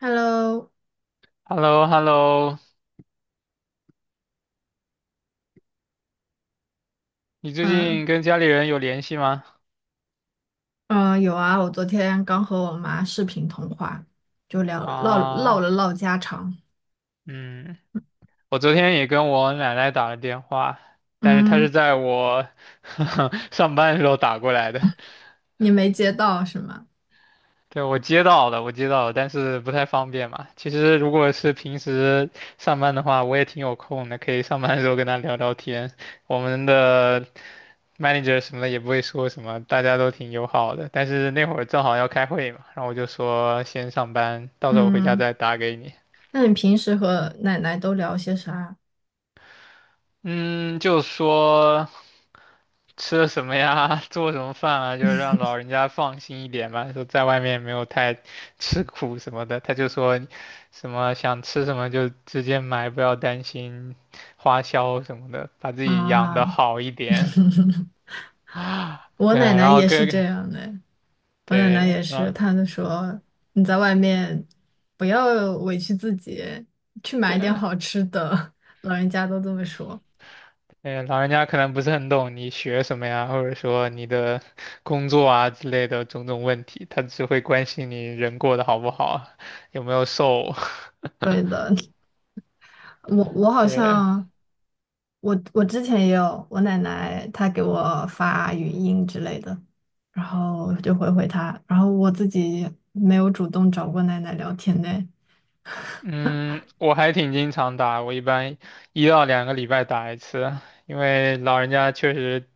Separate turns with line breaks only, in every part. Hello，
Hello Hello。 你最
嗯
近跟家里人有联系吗？
嗯，有啊，我昨天刚和我妈视频通话，就聊唠唠
啊，
了唠家常。
嗯，我昨天也跟我奶奶打了电话，但是她
嗯，
是在我 上班的时候打过来的。
你没接到是吗？
对，我接到了，我接到了，但是不太方便嘛。其实如果是平时上班的话，我也挺有空的，可以上班的时候跟他聊聊天。我们的 manager 什么的也不会说什么，大家都挺友好的。但是那会儿正好要开会嘛，然后我就说先上班，到时候回家
嗯，
再打给你。
那你平时和奶奶都聊些啥
嗯，就说吃了什么呀，做什么饭啊，就是让老人家放心一点嘛。说在外面没有太吃苦什么的，他就说什么想吃什么就直接买，不要担心花销什么的，把自己养
啊？
得好一点。
我
对，
奶奶
然后
也是
跟
这样的，我奶奶
对，
也
然
是，
后
她就说你在外面不要委屈自己，去买点
对。
好吃的，老人家都这么说。
对，老人家可能不是很懂你学什么呀，或者说你的工作啊之类的种种问题，他只会关心你人过得好不好，有没有瘦。
对 的，我好
对，
像。我之前也有，我奶奶她给我发语音之类的，然后我就回她，然后我自己没有主动找过奶奶聊天呢。
嗯，我还挺经常打，我一般1到2个礼拜打一次，因为老人家确实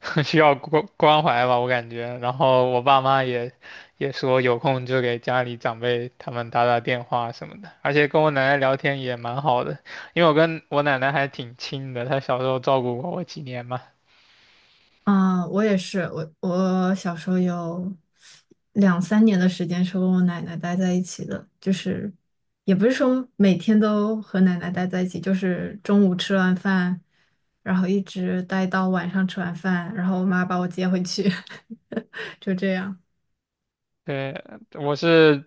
需要关怀吧，我感觉。然后我爸妈也说有空就给家里长辈他们打打电话什么的，而且跟我奶奶聊天也蛮好的，因为我跟我奶奶还挺亲的，她小时候照顾过我几年嘛。
嗯，我也是，我小时候有两三年的时间是跟我奶奶待在一起的，就是也不是说每天都和奶奶待在一起，就是中午吃完饭，然后一直待到晚上吃完饭，然后我妈把我接回去，就这样。
对，我是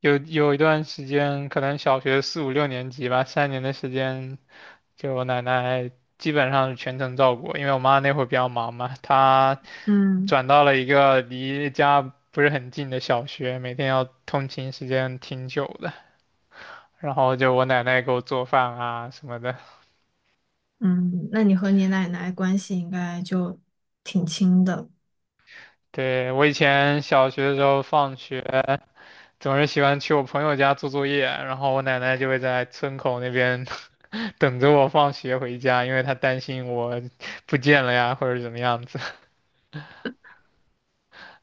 有一段时间，可能小学四五六年级吧，3年的时间。就我奶奶基本上是全程照顾我，因为我妈那会儿比较忙嘛，她
嗯。
转到了一个离家不是很近的小学，每天要通勤时间挺久的。然后就我奶奶给我做饭啊什么的。
嗯，那你和你奶奶关系应该就挺亲的。
对，我以前小学的时候放学总是喜欢去我朋友家做作业，然后我奶奶就会在村口那边 等着我放学回家，因为她担心我不见了呀或者怎么样子。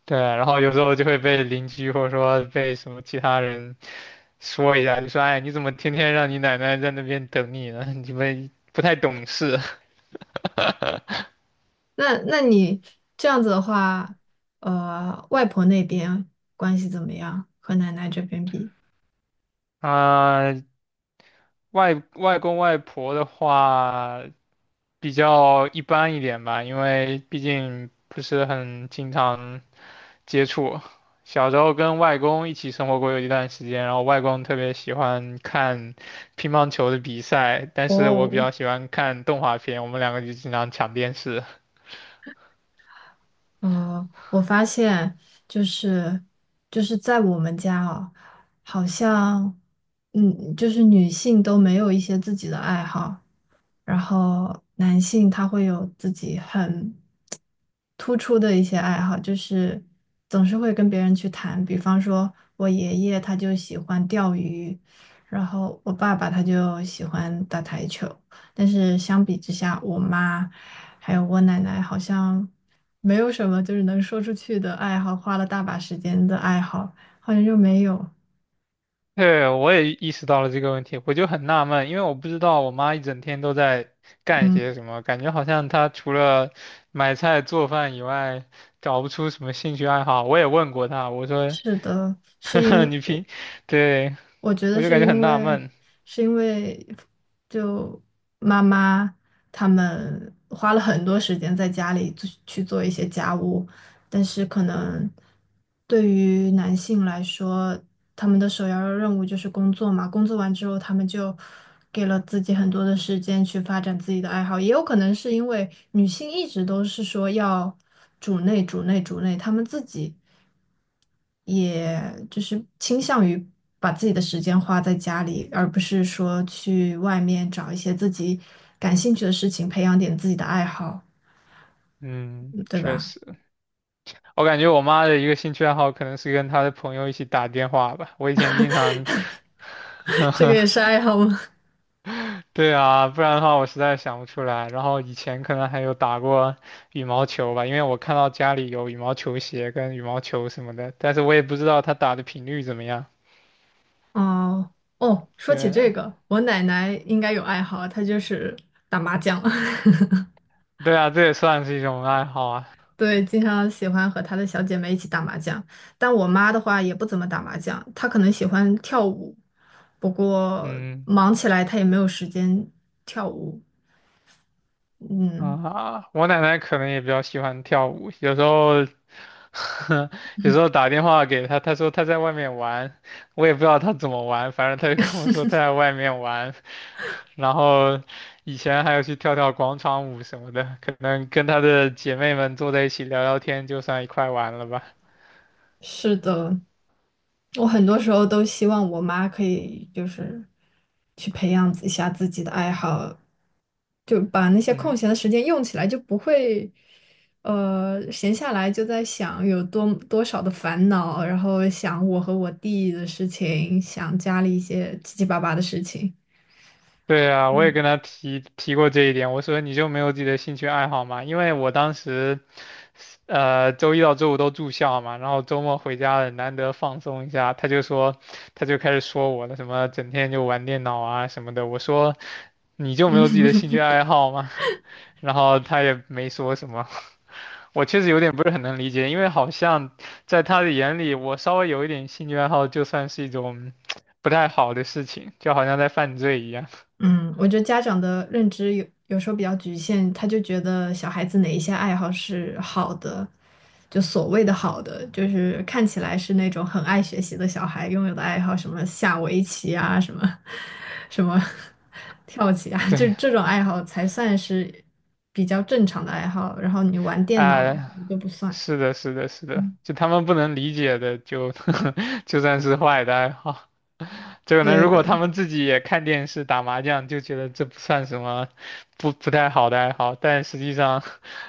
对，然后有时候就会被邻居或者说被什么其他人说一下，就说："哎，你怎么天天让你奶奶在那边等你呢？你们不太懂事。"
那你这样子的话，外婆那边关系怎么样？和奶奶这边比？
啊，外公外婆的话比较一般一点吧，因为毕竟不是很经常接触。小时候跟外公一起生活过有一段时间，然后外公特别喜欢看乒乓球的比赛，但是我比
哦，
较喜欢看动画片，我们两个就经常抢电视。
我发现就是就是在我们家哦，好像就是女性都没有一些自己的爱好，然后男性他会有自己很突出的一些爱好，就是总是会跟别人去谈。比方说，我爷爷他就喜欢钓鱼，然后我爸爸他就喜欢打台球。但是相比之下，我妈还有我奶奶好像没有什么就是能说出去的爱好，花了大把时间的爱好，好像就没有。
对，我也意识到了这个问题，我就很纳闷，因为我不知道我妈一整天都在干
嗯，
些什么，感觉好像她除了买菜做饭以外，找不出什么兴趣爱好。我也问过她，我说，
是的，是
呵
因
呵，
为我
对，
我觉得
我就
是
感觉很
因
纳
为
闷。
是因为就妈妈他们花了很多时间在家里去做一些家务，但是可能对于男性来说，他们的首要任务就是工作嘛，工作完之后他们就给了自己很多的时间去发展自己的爱好，也有可能是因为女性一直都是说要主内，他们自己。也就是倾向于把自己的时间花在家里，而不是说去外面找一些自己感兴趣的事情，培养点自己的爱好，
嗯，
嗯对
确
吧？
实，我感觉我妈的一个兴趣爱好可能是跟她的朋友一起打电话吧。我以前经常
这个也是 爱好吗？
对啊，不然的话我实在想不出来。然后以前可能还有打过羽毛球吧，因为我看到家里有羽毛球鞋跟羽毛球什么的，但是我也不知道他打的频率怎么样。
哦，哦，说起这
对，
个，我奶奶应该有爱好，她就是打麻将。
对啊，这也算是一种爱好啊。
对，经常喜欢和她的小姐妹一起打麻将。但我妈的话也不怎么打麻将，她可能喜欢跳舞，不过
嗯。
忙起来她也没有时间跳舞。嗯，
啊，我奶奶可能也比较喜欢跳舞，有时候，有时候打电话给她，她说她在外面玩，我也不知道她怎么玩，反正她就跟我说她在外面玩，然后以前还有去跳跳广场舞什么的，可能跟她的姐妹们坐在一起聊聊天，就算一块玩了吧。
是的，我很多时候都希望我妈可以就是去培养一下自己的爱好，就把那些空
嗯。
闲的时间用起来，就不会闲下来就在想有多多少的烦恼，然后想我和我弟的事情，想家里一些七七八八的事情。
对啊，我也
嗯。
跟他提过这一点。我说你就没有自己的兴趣爱好嘛？因为我当时，周一到周五都住校嘛，然后周末回家了，难得放松一下，他就说，他就开始说我了，什么整天就玩电脑啊什么的。我说你就没有自己的兴趣爱好吗？然后他也没说什么。我确实有点不是很能理解，因为好像在他的眼里，我稍微有一点兴趣爱好就算是一种 不太好的事情，就好像在犯罪一样。
嗯，我觉得家长的认知有时候比较局限，他就觉得小孩子哪一些爱好是好的，就所谓的好的，就是看起来是那种很爱学习的小孩拥有的爱好，什么下围棋啊，什么 跳棋啊，就
对。
这种爱好才算是比较正常的爱好。然后你玩电脑
哎，
就不算。
是的，是的，是的，
嗯，
就他们不能理解的就，就算是坏的爱好。就可能
对
如果他
的，
们自己也看电视、打麻将，就觉得这不算什么不太好的爱好。但实际上，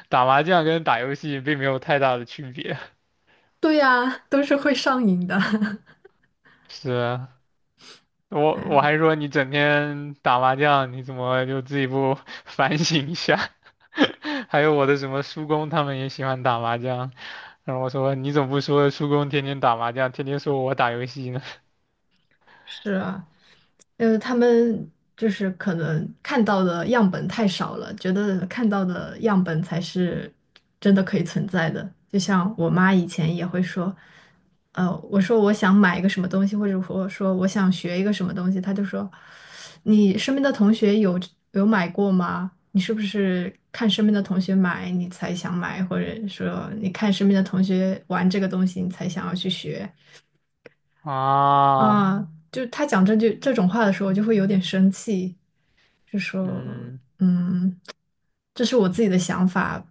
打麻将跟打游戏并没有太大的区别。
对呀，都是会上瘾的。
是啊，我
哎，
还说你整天打麻将，你怎么就自己不 反省一下？还有我的什么叔公，他们也喜欢打麻将。然后我说你怎么不说叔公天天打麻将，天天说我打游戏呢？
是啊。他们就是可能看到的样本太少了，觉得看到的样本才是真的可以存在的。就像我妈以前也会说，我说我想买一个什么东西，或者我说我想学一个什么东西，她就说，你身边的同学有买过吗？你是不是看身边的同学买，你才想买，或者说你看身边的同学玩这个东西，你才想要去学？
啊，
啊，就他讲这种话的时候，我就会有点生气。就说，
嗯，
嗯，这是我自己的想法，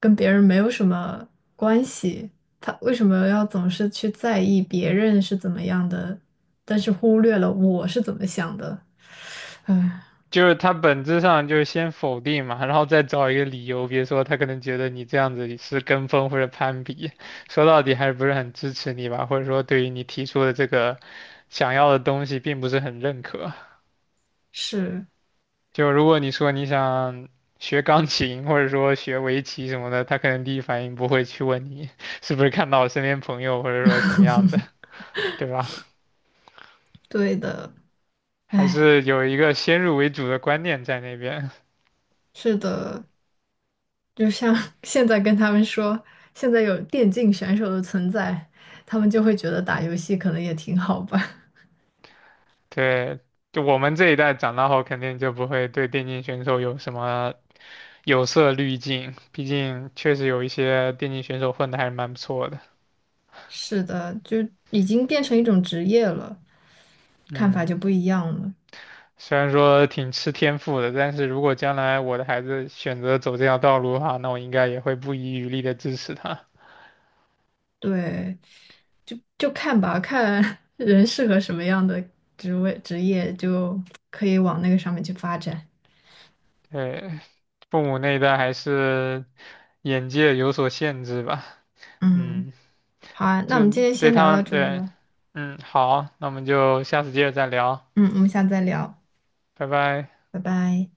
跟别人没有什么关系。他为什么要总是去在意别人是怎么样的，但是忽略了我是怎么想的？唉，
就是他本质上就是先否定嘛，然后再找一个理由，比如说他可能觉得你这样子是跟风或者攀比，说到底还是不是很支持你吧，或者说对于你提出的这个想要的东西并不是很认可。
是
就如果你说你想学钢琴或者说学围棋什么的，他可能第一反应不会去问你是不是看到我身边朋友或者说什么样的，对吧？
对的，
还
唉，
是有一个先入为主的观念在那边。
是的，就像 现在跟他们说，现在有电竞选手的存在，他们就会觉得打游戏可能也挺好吧。
对，就我们这一代长大后，肯定就不会对电竞选手有什么有色滤镜，毕竟确实有一些电竞选手混的还是蛮不错的。
是的，就已经变成一种职业了，看法
嗯，
就不一样了。
虽然说挺吃天赋的，但是如果将来我的孩子选择走这条道路的话，那我应该也会不遗余力的支持他。
对，就看吧，看 人适合什么样的职业，就可以往那个上面去发展。
对，父母那一代还是眼界有所限制吧。
嗯，
嗯。
好啊，那我
就
们今天
对
先聊
他
到
们
这儿
对，
吧。
嗯，好，那我们就下次接着再聊，
嗯，我们下次再聊，
拜拜。
拜拜。